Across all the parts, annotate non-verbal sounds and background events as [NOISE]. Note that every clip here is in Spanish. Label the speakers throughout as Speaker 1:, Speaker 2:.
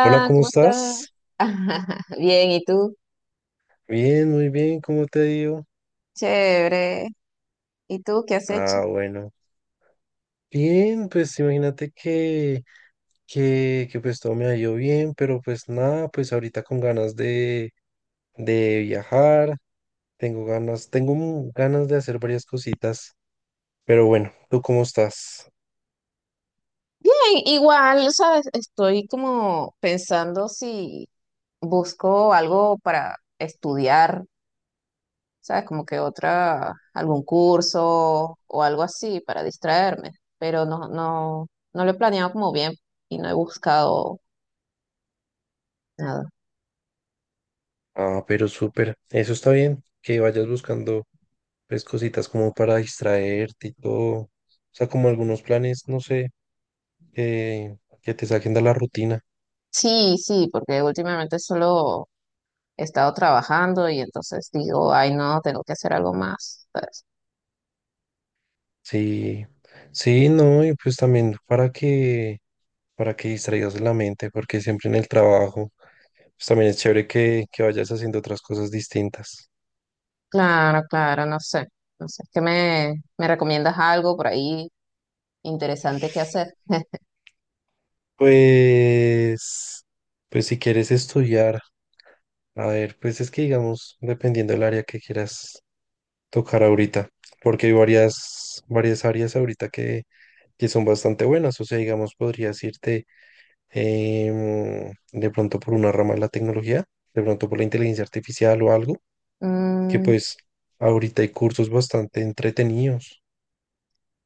Speaker 1: Hola, ¿cómo
Speaker 2: ¿cómo estás?
Speaker 1: estás?
Speaker 2: [LAUGHS] Bien, ¿y tú?
Speaker 1: Bien, muy bien, ¿cómo te digo?
Speaker 2: Chévere. ¿Y tú qué has hecho?
Speaker 1: Ah, bueno. Bien, pues imagínate que pues todo me ha ido bien, pero pues nada, pues ahorita con ganas de viajar, tengo ganas, tengo ganas de hacer varias cositas, pero bueno, ¿tú cómo estás?
Speaker 2: Bien, igual, ¿sabes? Estoy como pensando si busco algo para estudiar, ¿sabes? Como que otra, algún curso o algo así para distraerme, pero no, no, no lo he planeado como bien y no he buscado nada.
Speaker 1: Ah, pero súper, eso está bien, que vayas buscando pues cositas como para distraerte y todo, o sea, como algunos planes, no sé, que, que te saquen de la rutina.
Speaker 2: Sí, sí, porque últimamente solo he estado trabajando y entonces digo, ay, no, tengo que hacer algo más. ¿Sabes?
Speaker 1: Sí, sí, no, y pues también para para que distraigas la mente, porque siempre en el trabajo, pues también es chévere que vayas haciendo otras cosas distintas.
Speaker 2: Claro, claro, no sé. No sé, ¿qué me recomiendas algo por ahí interesante que hacer?
Speaker 1: Pues, pues si quieres estudiar, a ver, pues es que digamos, dependiendo del área que quieras tocar ahorita, porque hay varias áreas ahorita que son bastante buenas, o sea, digamos, podrías irte de pronto por una rama de la tecnología, de pronto por la inteligencia artificial o algo que
Speaker 2: Mm,
Speaker 1: pues ahorita hay cursos bastante entretenidos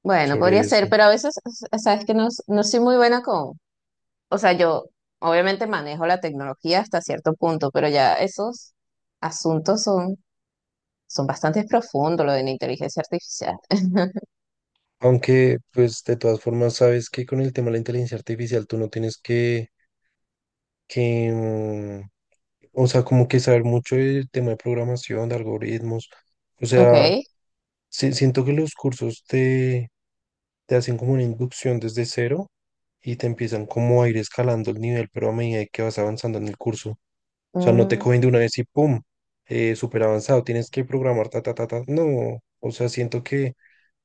Speaker 2: bueno,
Speaker 1: sobre
Speaker 2: podría ser,
Speaker 1: eso.
Speaker 2: pero a veces, o sea, que no, no soy muy buena con, o sea, yo obviamente manejo la tecnología hasta cierto punto, pero ya esos asuntos son, son bastante profundos, lo de la inteligencia artificial. [LAUGHS]
Speaker 1: Aunque pues de todas formas sabes que con el tema de la inteligencia artificial tú no tienes que o sea, como que saber mucho del tema de programación, de algoritmos. O
Speaker 2: Ok.
Speaker 1: sea, siento que los cursos te hacen como una inducción desde cero y te empiezan como a ir escalando el nivel, pero a medida que vas avanzando en el curso. O sea, no te
Speaker 2: mm,
Speaker 1: cogen de una vez y pum, súper avanzado, tienes que programar, ta, ta, ta, ta. No, o sea, siento que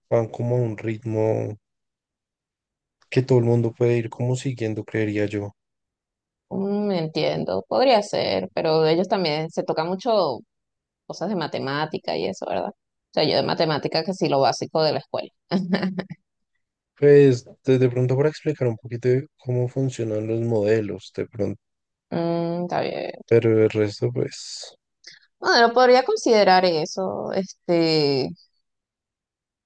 Speaker 1: van como a un ritmo que todo el mundo puede ir como siguiendo, creería yo.
Speaker 2: entiendo, podría ser, pero ellos también se toca mucho cosas de matemática y eso, ¿verdad? O sea, yo de matemática que sí lo básico de la escuela. [LAUGHS]
Speaker 1: Pues de pronto para explicar un poquito de cómo funcionan los modelos, de pronto,
Speaker 2: Mm, está bien.
Speaker 1: pero el resto, pues,
Speaker 2: Bueno, podría considerar eso.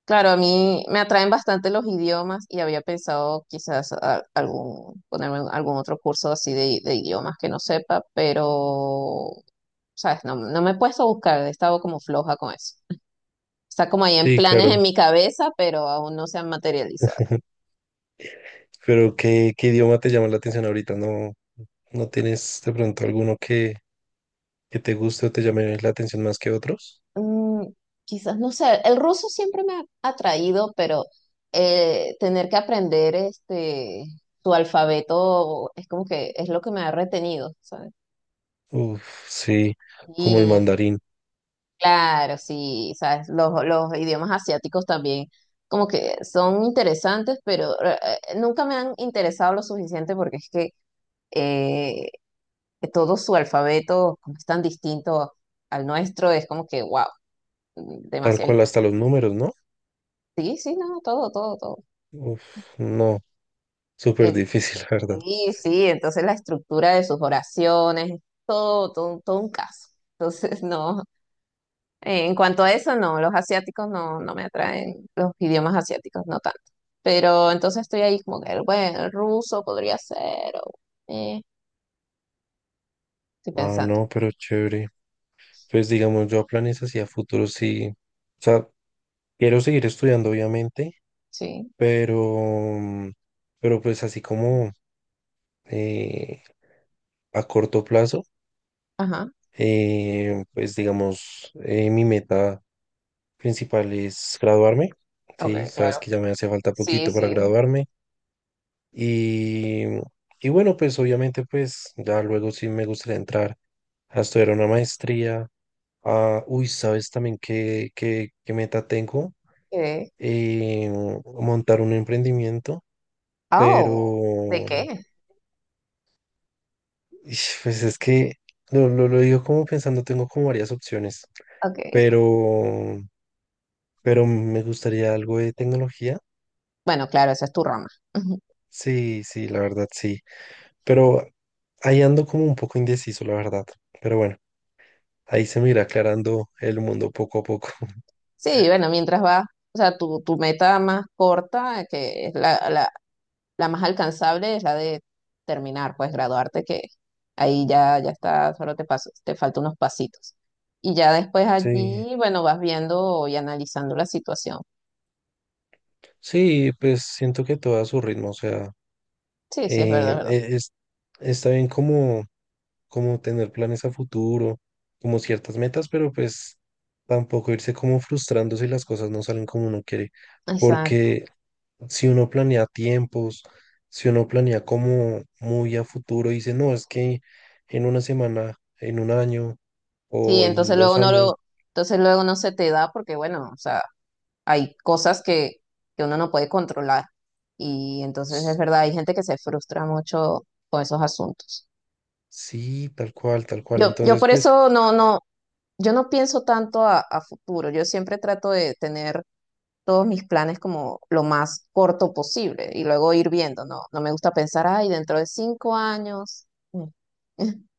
Speaker 2: Claro, a mí me atraen bastante los idiomas y había pensado quizás algún, ponerme en algún otro curso así de idiomas que no sepa, pero, sabes, no, no me he puesto a buscar, he estado como floja con eso. Está como ahí en
Speaker 1: sí,
Speaker 2: planes en
Speaker 1: claro.
Speaker 2: mi cabeza, pero aún no se han materializado.
Speaker 1: [LAUGHS] Pero ¿ qué idioma te llama la atención ahorita? ¿No, no tienes de pronto alguno que te guste o te llame la atención más que otros?
Speaker 2: Mm, quizás, no sé, el ruso siempre me ha atraído, pero tener que aprender este tu alfabeto es como que es lo que me ha retenido, ¿sabes?
Speaker 1: Uf, sí, como el
Speaker 2: Y
Speaker 1: mandarín.
Speaker 2: claro, sí, ¿sabes? Los idiomas asiáticos también como que son interesantes, pero nunca me han interesado lo suficiente porque es que eh, todo su alfabeto como es tan distinto al nuestro, es como que, wow,
Speaker 1: Tal
Speaker 2: demasiado
Speaker 1: cual hasta
Speaker 2: interesante.
Speaker 1: los números, ¿no?
Speaker 2: Sí, sí, no, todo, todo, todo.
Speaker 1: Uf, no, súper
Speaker 2: Eh,
Speaker 1: difícil, [LAUGHS] la verdad.
Speaker 2: Sí, sí, entonces la estructura de sus oraciones, todo, todo, todo un caso. Entonces, [LAUGHS] no, en cuanto a eso, no, los asiáticos no, no me atraen, los idiomas asiáticos no tanto. Pero entonces estoy ahí como que, bueno, el ruso podría ser, o, eh, estoy
Speaker 1: Ah,
Speaker 2: pensando,
Speaker 1: no, pero chévere. Pues digamos, yo planes hacia futuro sí. O sea, quiero seguir estudiando, obviamente,
Speaker 2: sí,
Speaker 1: pero, mm, pero pues así como eh, a corto plazo,
Speaker 2: ajá,
Speaker 1: mi meta principal es graduarme.
Speaker 2: ok,
Speaker 1: Sí, sabes
Speaker 2: claro.
Speaker 1: que ya me hace falta
Speaker 2: Sí,
Speaker 1: poquito para
Speaker 2: sí,
Speaker 1: graduarme. Y, y bueno, pues obviamente pues ya luego sí me gustaría entrar a estudiar una maestría. Ah, uy, ¿sabes también qué meta tengo?
Speaker 2: eh,
Speaker 1: Eh, Montar un emprendimiento,
Speaker 2: oh, ¿de
Speaker 1: pero
Speaker 2: qué?
Speaker 1: ish, pues es que lo digo como pensando, tengo como varias opciones,
Speaker 2: Ok,
Speaker 1: pero, pero me gustaría algo de tecnología.
Speaker 2: bueno, claro, esa es tu rama. [LAUGHS]
Speaker 1: Sí, sí, la verdad sí, pero ahí ando como un poco indeciso, la verdad, pero bueno. Ahí se me irá aclarando el mundo poco a poco. [LAUGHS]
Speaker 2: Sí, bueno, mientras va, o sea, tu meta más corta, que es la la más alcanzable es la de terminar, pues graduarte, que ahí ya, ya está, solo te paso, te faltan unos pasitos. Y ya después
Speaker 1: Sí,
Speaker 2: allí, bueno, vas viendo y analizando la situación.
Speaker 1: sí, pues siento que todo a su ritmo, o sea,
Speaker 2: Sí, sí, es verdad, es verdad.
Speaker 1: es, está bien como, como tener planes a futuro, como ciertas metas, pero pues tampoco irse como frustrando si las cosas no salen como uno quiere,
Speaker 2: Exacto.
Speaker 1: porque si uno planea tiempos, si uno planea como muy a futuro, y dice, no, es que en una semana, en un año
Speaker 2: Sí,
Speaker 1: o en
Speaker 2: entonces
Speaker 1: dos
Speaker 2: luego no
Speaker 1: años.
Speaker 2: lo, entonces luego no se te da porque, bueno, o sea, hay cosas que uno no puede controlar. Y entonces es verdad, hay gente que se frustra mucho con esos asuntos.
Speaker 1: Sí, tal cual, tal cual.
Speaker 2: Yo
Speaker 1: Entonces,
Speaker 2: por
Speaker 1: pues
Speaker 2: eso no, no, yo no pienso tanto a futuro. Yo siempre trato de tener todos mis planes como lo más corto posible y luego ir viendo, ¿no? No me gusta pensar, ay, dentro de 5 años. Mm. [LAUGHS]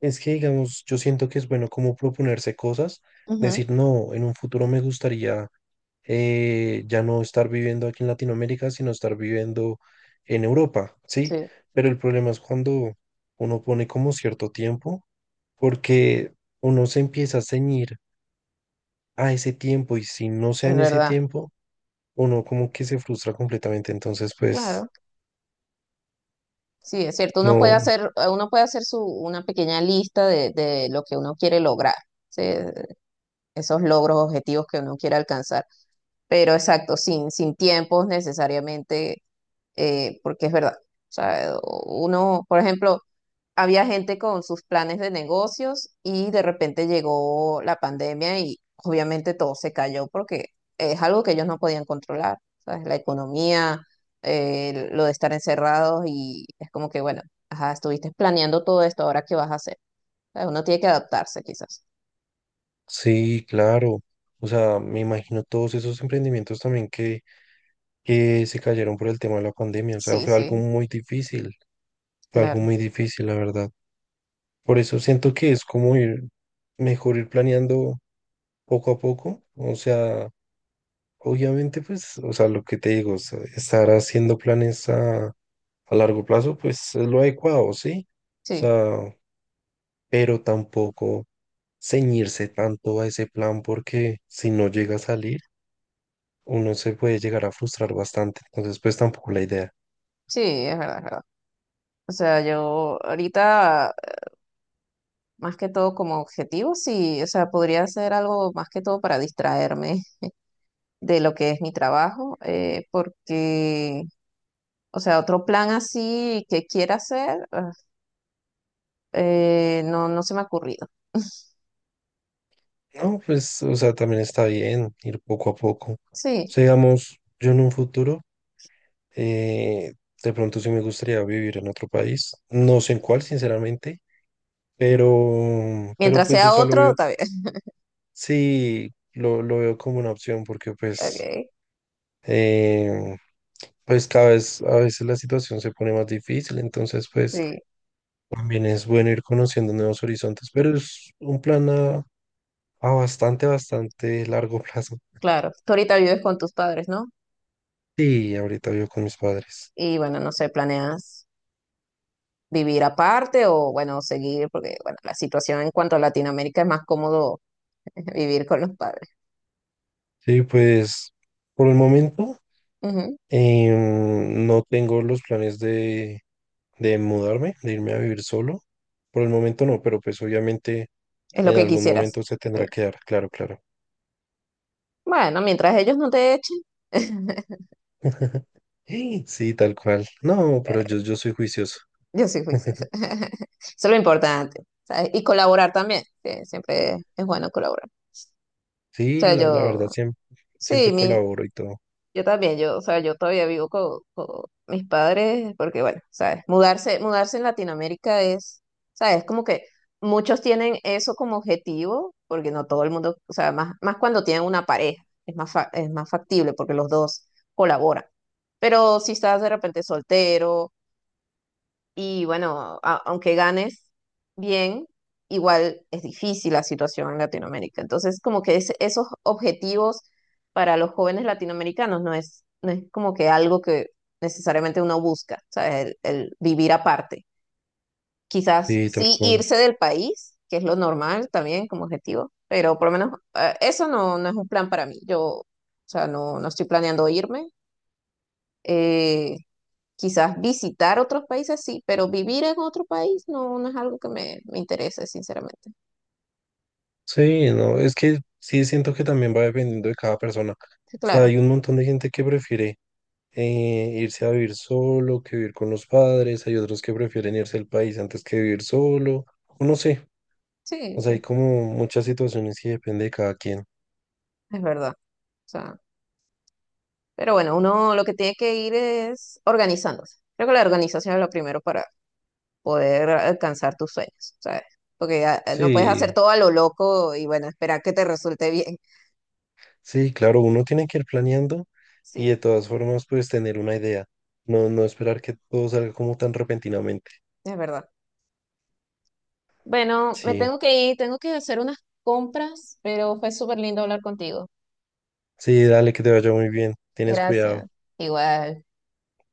Speaker 1: es que, digamos, yo siento que es bueno como proponerse cosas,
Speaker 2: Ujú.
Speaker 1: decir, no, en un futuro me gustaría ya no estar viviendo aquí en Latinoamérica, sino estar viviendo en Europa, ¿sí?
Speaker 2: Sí,
Speaker 1: Pero el problema es cuando uno pone como cierto tiempo, porque uno se empieza a ceñir a ese tiempo y si no sea
Speaker 2: es
Speaker 1: en ese
Speaker 2: verdad.
Speaker 1: tiempo, uno como que se frustra completamente. Entonces, pues,
Speaker 2: Claro. Sí, es cierto.
Speaker 1: no.
Speaker 2: Uno puede hacer su, una pequeña lista de lo que uno quiere lograr, ¿sí? Esos logros, objetivos que uno quiere alcanzar. Pero exacto, sin, sin tiempos necesariamente, porque es verdad. O sea, uno, por ejemplo, había gente con sus planes de negocios y de repente llegó la pandemia y obviamente todo se cayó porque es algo que ellos no podían controlar, ¿sabes? La economía, lo de estar encerrados y es como que, bueno, ajá, estuviste planeando todo esto, ahora qué vas a hacer. ¿Sabes? Uno tiene que adaptarse quizás.
Speaker 1: Sí, claro. O sea, me imagino todos esos emprendimientos también que se cayeron por el tema de la pandemia. O sea,
Speaker 2: Sí,
Speaker 1: fue algo
Speaker 2: sí,
Speaker 1: muy difícil. Fue algo
Speaker 2: claro,
Speaker 1: muy difícil, la verdad. Por eso siento que es como ir, mejor ir planeando poco a poco. O sea, obviamente, pues, o sea, lo que te digo, o sea, estar haciendo planes a largo plazo, pues es lo adecuado, ¿sí? O
Speaker 2: sí,
Speaker 1: sea, pero tampoco ceñirse tanto a ese plan porque si no llega a salir. Uno se puede llegar a frustrar bastante. Entonces, pues tampoco la idea.
Speaker 2: sí, es verdad, es verdad. O sea, yo ahorita, más que todo como objetivo, sí, o sea, podría ser algo más que todo para distraerme de lo que es mi trabajo, porque, o sea, otro plan así que quiera hacer, ah, no, no se me ha ocurrido.
Speaker 1: No, pues, o sea, también está bien ir poco a poco. O
Speaker 2: Sí,
Speaker 1: sea, digamos, yo en un futuro, eh, de pronto sí me gustaría vivir en otro país. No sé en cuál, sinceramente, pero
Speaker 2: mientras
Speaker 1: pues, o
Speaker 2: sea
Speaker 1: sea, lo
Speaker 2: otro,
Speaker 1: veo,
Speaker 2: está bien. [LAUGHS]
Speaker 1: sí, lo veo como una opción porque, pues,
Speaker 2: Ok,
Speaker 1: eh, pues cada vez, a veces la situación se pone más difícil, entonces pues
Speaker 2: sí,
Speaker 1: también es bueno ir conociendo nuevos horizontes, pero es un plan a bastante, bastante largo [LAUGHS] plazo.
Speaker 2: claro. Tú ahorita vives con tus padres, ¿no?
Speaker 1: Sí, ahorita vivo con mis padres.
Speaker 2: Y bueno, no sé, ¿planeas vivir aparte o, bueno, seguir? Porque, bueno, la situación en cuanto a Latinoamérica es más cómodo [LAUGHS] vivir con los padres.
Speaker 1: Sí, pues por el momento
Speaker 2: Ujú.
Speaker 1: no tengo los planes de mudarme, de irme a vivir solo. Por el momento no, pero pues obviamente
Speaker 2: Es lo
Speaker 1: en
Speaker 2: que
Speaker 1: algún
Speaker 2: quisieras.
Speaker 1: momento se tendrá
Speaker 2: Sí.
Speaker 1: que dar, claro, claro.
Speaker 2: Bueno, mientras ellos no te echen. [LAUGHS]
Speaker 1: [LAUGHS] Sí, tal cual. No, pero yo soy juicioso.
Speaker 2: Yo soy juiciosa.
Speaker 1: [LAUGHS]
Speaker 2: [LAUGHS] Eso es lo importante, ¿sabes? Y colaborar también, que siempre es bueno colaborar. O
Speaker 1: Sí,
Speaker 2: sea,
Speaker 1: la
Speaker 2: yo,
Speaker 1: verdad, siempre,
Speaker 2: sí,
Speaker 1: siempre
Speaker 2: mi,
Speaker 1: colaboro y todo.
Speaker 2: yo también, yo, o sea, yo todavía vivo con mis padres, porque bueno, ¿sabes? Mudarse, mudarse en Latinoamérica es, ¿sabes? Como que muchos tienen eso como objetivo, porque no todo el mundo, o sea, más, más cuando tienen una pareja, es más, es más factible porque los dos colaboran. Pero si estás de repente soltero, y bueno, aunque ganes bien, igual es difícil la situación en Latinoamérica. Entonces, como que esos objetivos para los jóvenes latinoamericanos no es, no es como que algo que necesariamente uno busca, ¿sabes? El vivir aparte. Quizás
Speaker 1: Sí, tal
Speaker 2: sí
Speaker 1: cual.
Speaker 2: irse del país, que es lo normal también como objetivo, pero por lo menos eso no, no es un plan para mí. Yo, o sea, no, no estoy planeando irme. Eh, Quizás visitar otros países sí, pero vivir en otro país no, no es algo que me interese, sinceramente.
Speaker 1: Sí, no, es que sí siento que también va dependiendo de cada persona.
Speaker 2: Sí,
Speaker 1: O sea,
Speaker 2: claro,
Speaker 1: hay un montón de gente que prefiere irse a vivir solo que vivir con los padres, hay otros que prefieren irse al país antes que vivir solo, o no sé,
Speaker 2: sí,
Speaker 1: o sea, hay
Speaker 2: sí,
Speaker 1: como muchas situaciones que depende de cada quien.
Speaker 2: es verdad. O sea, pero bueno, uno lo que tiene que ir es organizándose. Creo que la organización es lo primero para poder alcanzar tus sueños, ¿sabes? Porque ah, no puedes hacer
Speaker 1: Sí,
Speaker 2: todo a lo loco y bueno, esperar que te resulte bien. [LAUGHS]
Speaker 1: sí, claro, uno tiene que ir planeando y de
Speaker 2: Sí,
Speaker 1: todas formas pues tener una idea, no, no esperar que todo salga como tan repentinamente.
Speaker 2: es verdad. Bueno, me
Speaker 1: Sí,
Speaker 2: tengo que ir, tengo que hacer unas compras, pero fue súper lindo hablar contigo.
Speaker 1: sí, dale que te vaya muy bien, tienes cuidado.
Speaker 2: Gracias. Igual.